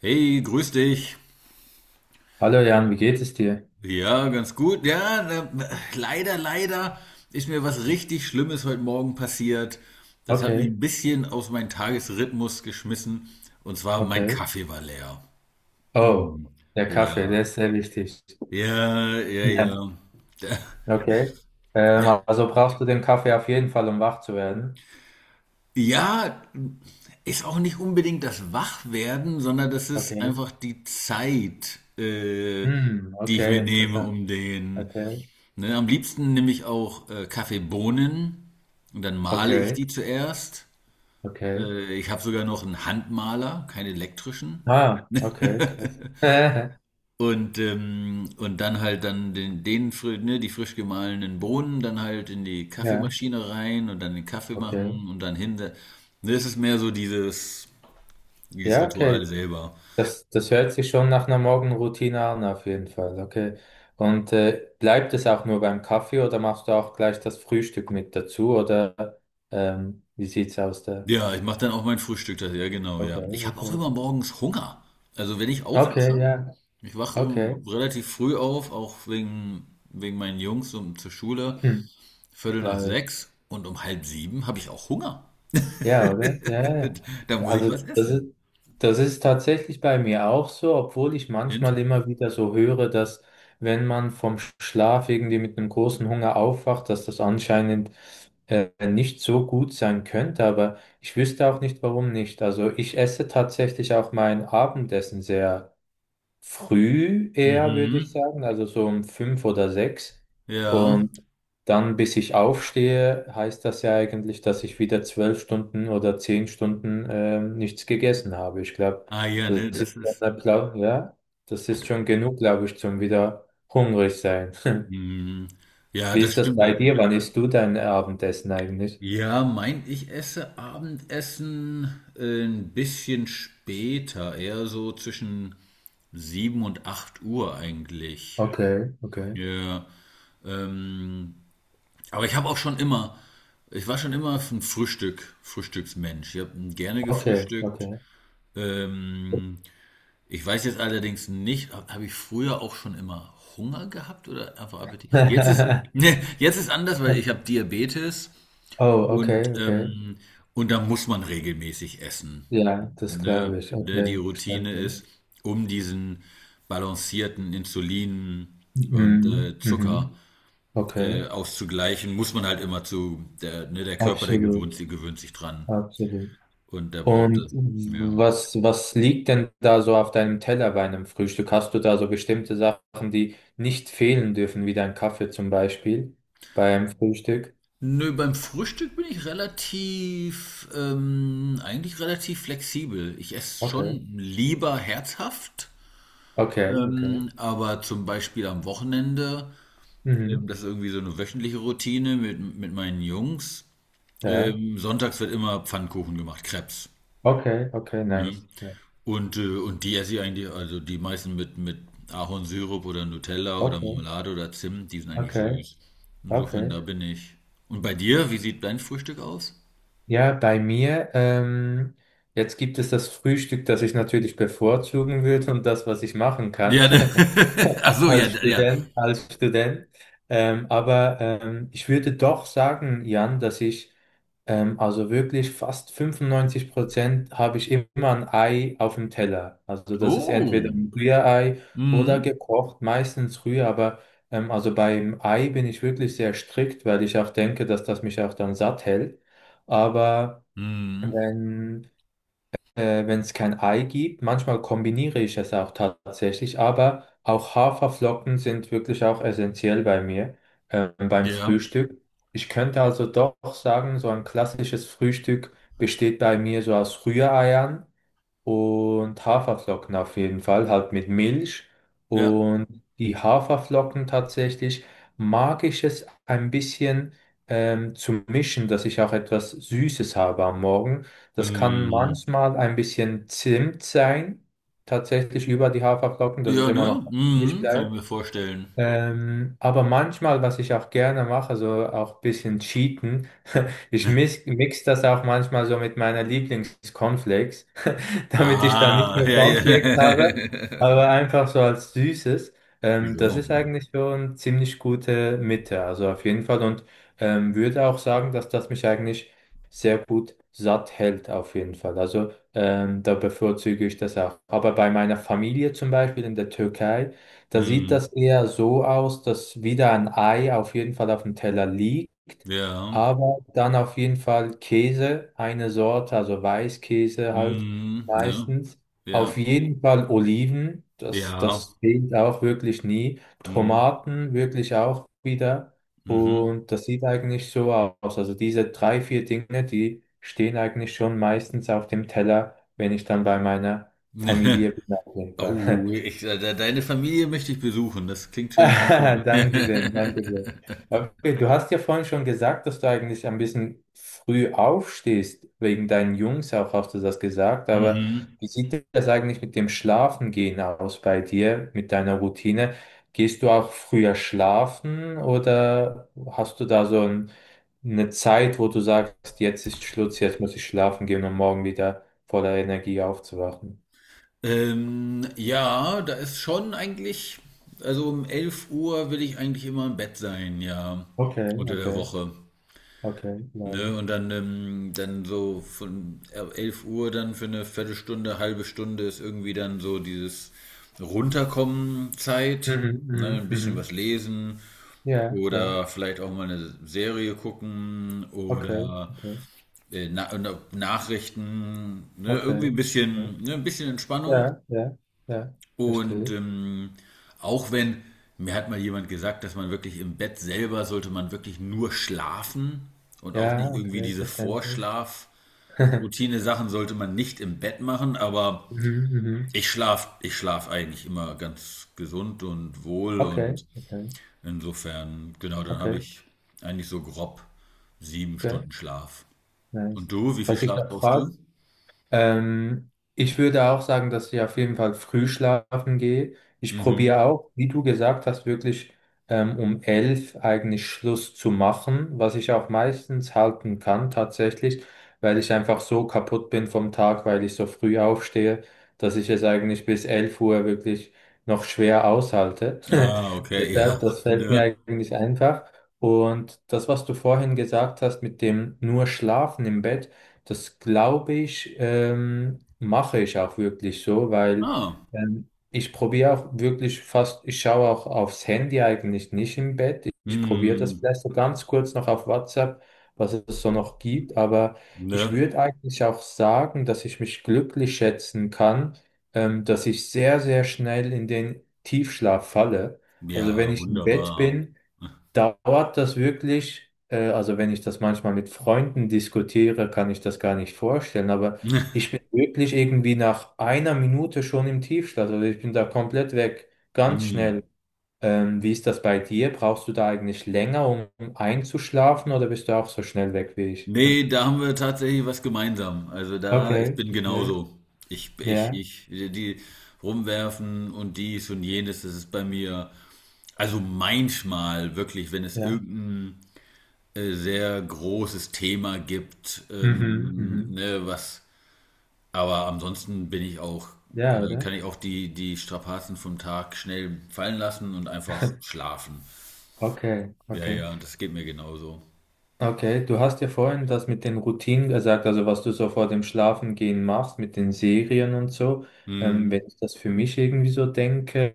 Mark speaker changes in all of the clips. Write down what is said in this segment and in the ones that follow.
Speaker 1: Hey, grüß dich.
Speaker 2: Hallo Jan, wie geht es dir?
Speaker 1: Ja, ganz gut. Ja, leider ist mir was richtig Schlimmes heute Morgen passiert. Das hat mich
Speaker 2: Okay,
Speaker 1: ein bisschen aus meinem Tagesrhythmus geschmissen. Und zwar mein
Speaker 2: okay.
Speaker 1: Kaffee war leer.
Speaker 2: Oh,
Speaker 1: Mm.
Speaker 2: der Kaffee,
Speaker 1: Ja,
Speaker 2: der ist sehr wichtig.
Speaker 1: ja, ja,
Speaker 2: Ja,
Speaker 1: ja.
Speaker 2: okay. Ähm,
Speaker 1: Ja,
Speaker 2: also brauchst du den Kaffee auf jeden Fall, um wach zu werden.
Speaker 1: ja, ist auch nicht unbedingt das Wachwerden, sondern das ist
Speaker 2: Okay.
Speaker 1: einfach die Zeit,
Speaker 2: Hm,
Speaker 1: die ich
Speaker 2: okay,
Speaker 1: mir nehme,
Speaker 2: interessant.
Speaker 1: um den.
Speaker 2: Okay,
Speaker 1: Ne, am liebsten nehme ich auch Kaffeebohnen und dann male ich
Speaker 2: okay,
Speaker 1: die zuerst.
Speaker 2: okay.
Speaker 1: Ich habe sogar noch einen Handmaler, keinen elektrischen.
Speaker 2: Ah, okay, krass.
Speaker 1: Und dann halt dann ne, die frisch gemahlenen Bohnen dann halt in die
Speaker 2: Ja,
Speaker 1: Kaffeemaschine rein und dann den Kaffee
Speaker 2: okay.
Speaker 1: machen und dann hinter. Ne, es ist mehr so dieses. Dieses
Speaker 2: Ja, okay.
Speaker 1: Ritual selber.
Speaker 2: Das hört sich schon nach einer Morgenroutine an, auf jeden Fall. Okay. Und bleibt es auch nur beim Kaffee oder machst du auch gleich das Frühstück mit dazu? Oder wie sieht's aus da?
Speaker 1: Ja, ich mache dann auch mein Frühstück. Das, ja, genau,
Speaker 2: Okay,
Speaker 1: ja. Ich habe
Speaker 2: okay,
Speaker 1: auch immer
Speaker 2: okay.
Speaker 1: morgens Hunger. Also wenn ich
Speaker 2: Okay,
Speaker 1: aufwache,
Speaker 2: ja,
Speaker 1: ich wache
Speaker 2: okay.
Speaker 1: relativ früh auf, auch wegen meinen Jungs um, zur Schule,
Speaker 2: Hm,
Speaker 1: Viertel nach
Speaker 2: glaube ich.
Speaker 1: sechs und um halb sieben habe ich auch Hunger.
Speaker 2: Ja, oder? Ja, ja.
Speaker 1: Da muss ich was
Speaker 2: Also das ist,
Speaker 1: essen.
Speaker 2: Das ist tatsächlich bei mir auch so, obwohl ich
Speaker 1: Int-
Speaker 2: manchmal immer wieder so höre, dass wenn man vom Schlaf irgendwie mit einem großen Hunger aufwacht, dass das anscheinend nicht so gut sein könnte, aber ich wüsste auch nicht, warum nicht. Also ich esse tatsächlich auch mein Abendessen sehr früh eher, würde ich
Speaker 1: Mhm.
Speaker 2: sagen, also so um fünf oder sechs.
Speaker 1: Ja.
Speaker 2: Und dann, bis ich aufstehe, heißt das ja eigentlich, dass ich wieder zwölf Stunden oder zehn Stunden nichts gegessen habe. Ich glaube,
Speaker 1: Ah ja,
Speaker 2: das
Speaker 1: ne,
Speaker 2: ist
Speaker 1: das
Speaker 2: schon
Speaker 1: ist.
Speaker 2: der Plan, ja, das
Speaker 1: Ah,
Speaker 2: ist
Speaker 1: das-
Speaker 2: schon genug, glaube ich, zum wieder hungrig sein.
Speaker 1: Mhm. Ja,
Speaker 2: Wie
Speaker 1: das
Speaker 2: ist das
Speaker 1: stimmt.
Speaker 2: bei dir? Wann isst du dein Abendessen eigentlich?
Speaker 1: Ja, mein, ich esse Abendessen ein bisschen später, eher so zwischen 7 und 8 Uhr eigentlich.
Speaker 2: Okay, okay,
Speaker 1: Ja, ähm, aber ich habe auch schon immer, ich war schon immer ein Frühstück, Frühstücksmensch. Ich habe gerne
Speaker 2: okay,
Speaker 1: gefrühstückt.
Speaker 2: okay.
Speaker 1: Ähm, ich weiß jetzt allerdings nicht, hab ich früher auch schon immer Hunger gehabt oder einfach Appetit? Jetzt ist, ne, jetzt ist anders, weil ich habe Diabetes.
Speaker 2: Oh, okay,
Speaker 1: Und,
Speaker 2: okay.
Speaker 1: ähm, und da muss man regelmäßig essen.
Speaker 2: Ja, das
Speaker 1: Ne?
Speaker 2: glaube ich.
Speaker 1: Ne, die
Speaker 2: Okay,
Speaker 1: Routine ist,
Speaker 2: verstanden.
Speaker 1: um diesen balancierten Insulin und
Speaker 2: Mhm.
Speaker 1: Zucker
Speaker 2: Mhm. Okay,
Speaker 1: auszugleichen, muss man halt immer zu, der, ne, der Körper, der
Speaker 2: absolut,
Speaker 1: gewöhnt, sie gewöhnt sich dran.
Speaker 2: absolut.
Speaker 1: Und der braucht
Speaker 2: Und
Speaker 1: das. Ja.
Speaker 2: was liegt denn da so auf deinem Teller bei einem Frühstück? Hast du da so bestimmte Sachen, die nicht fehlen dürfen, wie dein Kaffee zum Beispiel beim Frühstück?
Speaker 1: Nö, beim Frühstück bin ich relativ, eigentlich relativ flexibel. Ich esse
Speaker 2: Okay,
Speaker 1: schon lieber herzhaft,
Speaker 2: okay, okay.
Speaker 1: aber zum Beispiel am Wochenende
Speaker 2: Mhm.
Speaker 1: das ist irgendwie so eine wöchentliche Routine mit meinen Jungs.
Speaker 2: Ja,
Speaker 1: Sonntags wird immer Pfannkuchen gemacht, Crepes.
Speaker 2: okay, okay,
Speaker 1: Ne?
Speaker 2: nice. Ja.
Speaker 1: Und die esse ich eigentlich, also die meisten mit Ahornsirup oder Nutella oder
Speaker 2: Okay,
Speaker 1: Marmelade oder Zimt, die sind eigentlich
Speaker 2: okay,
Speaker 1: süß. Insofern,
Speaker 2: okay.
Speaker 1: da bin ich. Und bei dir, wie sieht dein Frühstück aus?
Speaker 2: Ja, bei mir, jetzt gibt es das Frühstück, das ich natürlich bevorzugen würde und das, was ich machen kann.
Speaker 1: Ja, ne? Ach so, ja,
Speaker 2: Als
Speaker 1: ja.
Speaker 2: Student, als Student. Aber ich würde doch sagen, Jan, dass ich also wirklich fast 95% habe ich immer ein Ei auf dem Teller. Also das ist entweder
Speaker 1: Oh.
Speaker 2: ein Rührei oder
Speaker 1: Mhm.
Speaker 2: gekocht, meistens Rührei, aber also beim Ei bin ich wirklich sehr strikt, weil ich auch denke, dass das mich auch dann satt hält. Aber
Speaker 1: Mhm.
Speaker 2: wenn wenn es kein Ei gibt. Manchmal kombiniere ich es auch tatsächlich, aber auch Haferflocken sind wirklich auch essentiell bei mir, beim
Speaker 1: Ja,
Speaker 2: Frühstück. Ich könnte also doch sagen, so ein klassisches Frühstück besteht bei mir so aus Rühreiern und Haferflocken auf jeden Fall, halt mit Milch.
Speaker 1: ja.
Speaker 2: Und die Haferflocken tatsächlich mag ich es ein bisschen zu mischen, dass ich auch etwas Süßes habe am Morgen. Das kann
Speaker 1: Mhm.
Speaker 2: manchmal ein bisschen Zimt sein, tatsächlich über die Haferflocken, dass es
Speaker 1: Ja,
Speaker 2: immer noch
Speaker 1: ne?
Speaker 2: nicht
Speaker 1: Mhm. Kann ich
Speaker 2: bleibt.
Speaker 1: mir vorstellen.
Speaker 2: Aber manchmal, was ich auch gerne mache, so auch ein bisschen cheaten, ich mix das auch manchmal so mit meiner Lieblings-Cornflakes, damit ich dann nicht
Speaker 1: Ah,
Speaker 2: nur
Speaker 1: ja, ja.
Speaker 2: Cornflakes habe, aber einfach so als Süßes. Das
Speaker 1: Jo.
Speaker 2: ist eigentlich schon ziemlich gute Mitte, also auf jeden Fall. Und würde auch sagen, dass das mich eigentlich sehr gut satt hält, auf jeden Fall. Also da bevorzuge ich das auch. Aber bei meiner Familie zum Beispiel in der Türkei, da sieht das
Speaker 1: Mhm.
Speaker 2: eher so aus, dass wieder ein Ei auf jeden Fall auf dem Teller liegt,
Speaker 1: Ja.
Speaker 2: aber dann auf jeden Fall Käse, eine Sorte, also Weißkäse halt
Speaker 1: Mhm, ne?
Speaker 2: meistens. Auf
Speaker 1: Ja.
Speaker 2: jeden Fall Oliven, das,
Speaker 1: Ja.
Speaker 2: das fehlt auch wirklich nie.
Speaker 1: Mhm.
Speaker 2: Tomaten wirklich auch wieder.
Speaker 1: Mhm.
Speaker 2: Und das sieht eigentlich so aus. Also diese drei, vier Dinge, die stehen eigentlich schon meistens auf dem Teller, wenn ich dann bei meiner Familie bin, auf jeden Fall.
Speaker 1: Oh, ich, de de deine Familie möchte ich besuchen. Das klingt schon schön.
Speaker 2: Dankeschön, Dankeschön. Okay, du hast ja vorhin schon gesagt, dass du eigentlich ein bisschen früh aufstehst, wegen deinen Jungs auch, hast du das gesagt, aber
Speaker 1: Mhm.
Speaker 2: wie sieht das eigentlich mit dem Schlafengehen aus bei dir, mit deiner Routine? Gehst du auch früher schlafen oder hast du da so ein, eine Zeit, wo du sagst, jetzt ist Schluss, jetzt muss ich schlafen gehen, um morgen wieder voller Energie aufzuwachen?
Speaker 1: Ja, da ist schon eigentlich also um elf Uhr will ich eigentlich immer im Bett sein, ja,
Speaker 2: Okay,
Speaker 1: unter der
Speaker 2: okay,
Speaker 1: Woche.
Speaker 2: okay, nice.
Speaker 1: Ne, und dann, dann so von 11 Uhr dann für eine Viertelstunde, halbe Stunde ist irgendwie dann so dieses Runterkommen Zeit.
Speaker 2: Mhm,
Speaker 1: Ne,
Speaker 2: mhm,
Speaker 1: ein bisschen
Speaker 2: mhm.
Speaker 1: was lesen
Speaker 2: Ja, ja.
Speaker 1: oder vielleicht auch mal eine Serie gucken
Speaker 2: Okay,
Speaker 1: oder
Speaker 2: okay,
Speaker 1: Nachrichten. Ne, irgendwie
Speaker 2: okay.
Speaker 1: ein
Speaker 2: Ja,
Speaker 1: bisschen, ne, ein bisschen Entspannung.
Speaker 2: ja, ja, ja,
Speaker 1: Und
Speaker 2: verstehe.
Speaker 1: auch wenn, mir hat mal jemand gesagt, dass man wirklich im Bett selber sollte man wirklich nur schlafen und auch
Speaker 2: Ja,
Speaker 1: nicht irgendwie
Speaker 2: okay,
Speaker 1: diese
Speaker 2: verständlich.
Speaker 1: Vorschlaf. Routine-Sachen sollte man nicht im Bett machen, aber
Speaker 2: Mhm, mhm.
Speaker 1: ich schlaf eigentlich immer ganz gesund und wohl
Speaker 2: Okay,
Speaker 1: und
Speaker 2: okay,
Speaker 1: insofern, genau, dann habe
Speaker 2: okay,
Speaker 1: ich eigentlich so grob sieben
Speaker 2: okay,
Speaker 1: Stunden Schlaf.
Speaker 2: nice.
Speaker 1: Und du, wie viel
Speaker 2: Was ich
Speaker 1: Schlaf
Speaker 2: noch
Speaker 1: brauchst
Speaker 2: frage,
Speaker 1: du?
Speaker 2: Ich würde auch sagen, dass ich auf jeden Fall früh schlafen gehe. Ich probiere
Speaker 1: Mhm.
Speaker 2: auch, wie du gesagt hast, wirklich um 11 eigentlich Schluss zu machen, was ich auch meistens halten kann tatsächlich, weil ich einfach so kaputt bin vom Tag, weil ich so früh aufstehe, dass ich es eigentlich bis 11 Uhr wirklich noch schwer aushalte.
Speaker 1: Ah, okay,
Speaker 2: Deshalb,
Speaker 1: ja,
Speaker 2: das fällt mir
Speaker 1: ne?
Speaker 2: eigentlich einfach. Und das, was du vorhin gesagt hast mit dem nur Schlafen im Bett, das glaube ich, mache ich auch wirklich so, weil
Speaker 1: Ah,
Speaker 2: ich probiere auch wirklich fast, ich schaue auch aufs Handy eigentlich nicht im Bett. Ich probiere das
Speaker 1: hm,
Speaker 2: vielleicht so ganz kurz noch auf WhatsApp, was es so noch gibt. Aber
Speaker 1: ne?
Speaker 2: ich würde eigentlich auch sagen, dass ich mich glücklich schätzen kann, dass ich sehr, sehr schnell in den Tiefschlaf falle. Also wenn
Speaker 1: Ja,
Speaker 2: ich im Bett
Speaker 1: wunderbar.
Speaker 2: bin, dauert das wirklich, also wenn ich das manchmal mit Freunden diskutiere, kann ich das gar nicht vorstellen, aber ich bin wirklich irgendwie nach einer Minute schon im Tiefschlaf, also ich bin da komplett weg, ganz
Speaker 1: Hm.
Speaker 2: schnell. Wie ist das bei dir? Brauchst du da eigentlich länger, um einzuschlafen oder bist du auch so schnell weg wie ich?
Speaker 1: Nee, da haben wir tatsächlich was gemeinsam. Also da, ich
Speaker 2: Okay,
Speaker 1: bin
Speaker 2: okay.
Speaker 1: genauso. Ich, ich,
Speaker 2: Ja,
Speaker 1: ich, die rumwerfen und dies und jenes, das ist bei mir, also manchmal wirklich, wenn es
Speaker 2: ja.
Speaker 1: irgendein sehr großes Thema gibt,
Speaker 2: Mhm, mhm.
Speaker 1: ne, was, aber ansonsten bin ich auch,
Speaker 2: Ja,
Speaker 1: kann
Speaker 2: oder?
Speaker 1: ich auch die Strapazen vom Tag schnell fallen lassen und einfach schlafen.
Speaker 2: Okay,
Speaker 1: Ja,
Speaker 2: okay.
Speaker 1: ja, das geht mir genauso.
Speaker 2: Okay, du hast ja vorhin das mit den Routinen gesagt, also was du so vor dem Schlafengehen machst, mit den Serien und so. Wenn
Speaker 1: Hm,
Speaker 2: ich das für mich irgendwie so denke,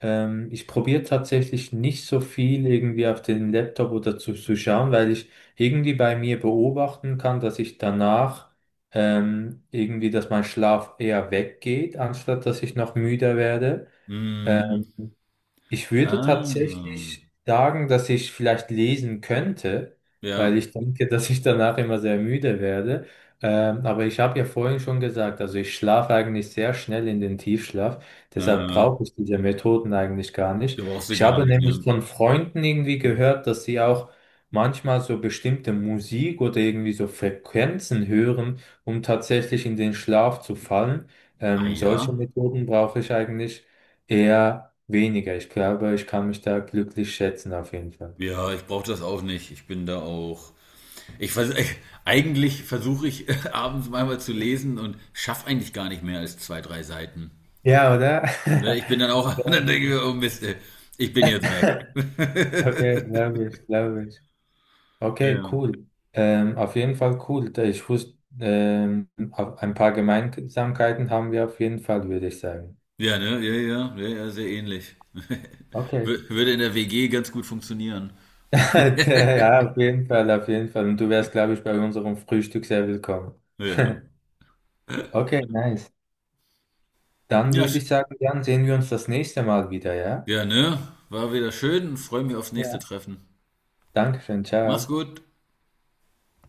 Speaker 2: ich probiere tatsächlich nicht so viel irgendwie auf den Laptop oder zu schauen, weil ich irgendwie bei mir beobachten kann, dass ich danach irgendwie, dass mein Schlaf eher weggeht, anstatt dass ich noch müder werde. Äh,
Speaker 1: hm,
Speaker 2: ich würde
Speaker 1: ah.
Speaker 2: tatsächlich sagen, dass ich vielleicht lesen könnte, weil
Speaker 1: Ja,
Speaker 2: ich denke, dass ich danach immer sehr müde werde. Aber ich habe ja vorhin schon gesagt, also ich schlafe eigentlich sehr schnell in den Tiefschlaf. Deshalb
Speaker 1: ja,
Speaker 2: brauche ich diese Methoden eigentlich gar nicht.
Speaker 1: brauchst du
Speaker 2: Ich
Speaker 1: gar
Speaker 2: habe
Speaker 1: nicht,
Speaker 2: nämlich
Speaker 1: ne?
Speaker 2: von Freunden irgendwie
Speaker 1: Hm.
Speaker 2: gehört, dass sie auch manchmal so bestimmte Musik oder irgendwie so Frequenzen hören, um tatsächlich in den Schlaf zu fallen.
Speaker 1: Ah
Speaker 2: Solche
Speaker 1: ja?
Speaker 2: Methoden brauche ich eigentlich. Eher weniger. Ich glaube, ich kann mich da glücklich schätzen auf jeden Fall.
Speaker 1: Ja, ich brauche das auch nicht. Ich bin da auch. Ich vers eigentlich versuche ich abends manchmal zu lesen und schaffe eigentlich gar nicht mehr als zwei, drei Seiten.
Speaker 2: Ja, oder?
Speaker 1: Ne? Ich bin dann auch, dann denke ich
Speaker 2: Ja.
Speaker 1: mir, oh Mist, ich bin jetzt weg.
Speaker 2: Okay, glaube ich, glaube ich. Okay,
Speaker 1: Ja.
Speaker 2: cool. Auf jeden Fall cool. Da ich wusste, auf- ein paar Gemeinsamkeiten haben wir auf jeden Fall, würde ich sagen.
Speaker 1: Ja, ne? Ja, ja, ja, ja, sehr ähnlich.
Speaker 2: Okay.
Speaker 1: Würde in der WG ganz gut funktionieren.
Speaker 2: Ja, auf jeden Fall, auf jeden Fall. Und du wärst, glaube ich, bei unserem Frühstück sehr willkommen.
Speaker 1: Ja, ja,
Speaker 2: Okay, nice. Dann
Speaker 1: ja,
Speaker 2: würde ich sagen, dann sehen wir uns das nächste Mal wieder, ja?
Speaker 1: ja, ne? War wieder schön und freue mich aufs nächste
Speaker 2: Ja.
Speaker 1: Treffen.
Speaker 2: Dankeschön,
Speaker 1: Mach's
Speaker 2: ciao.
Speaker 1: gut.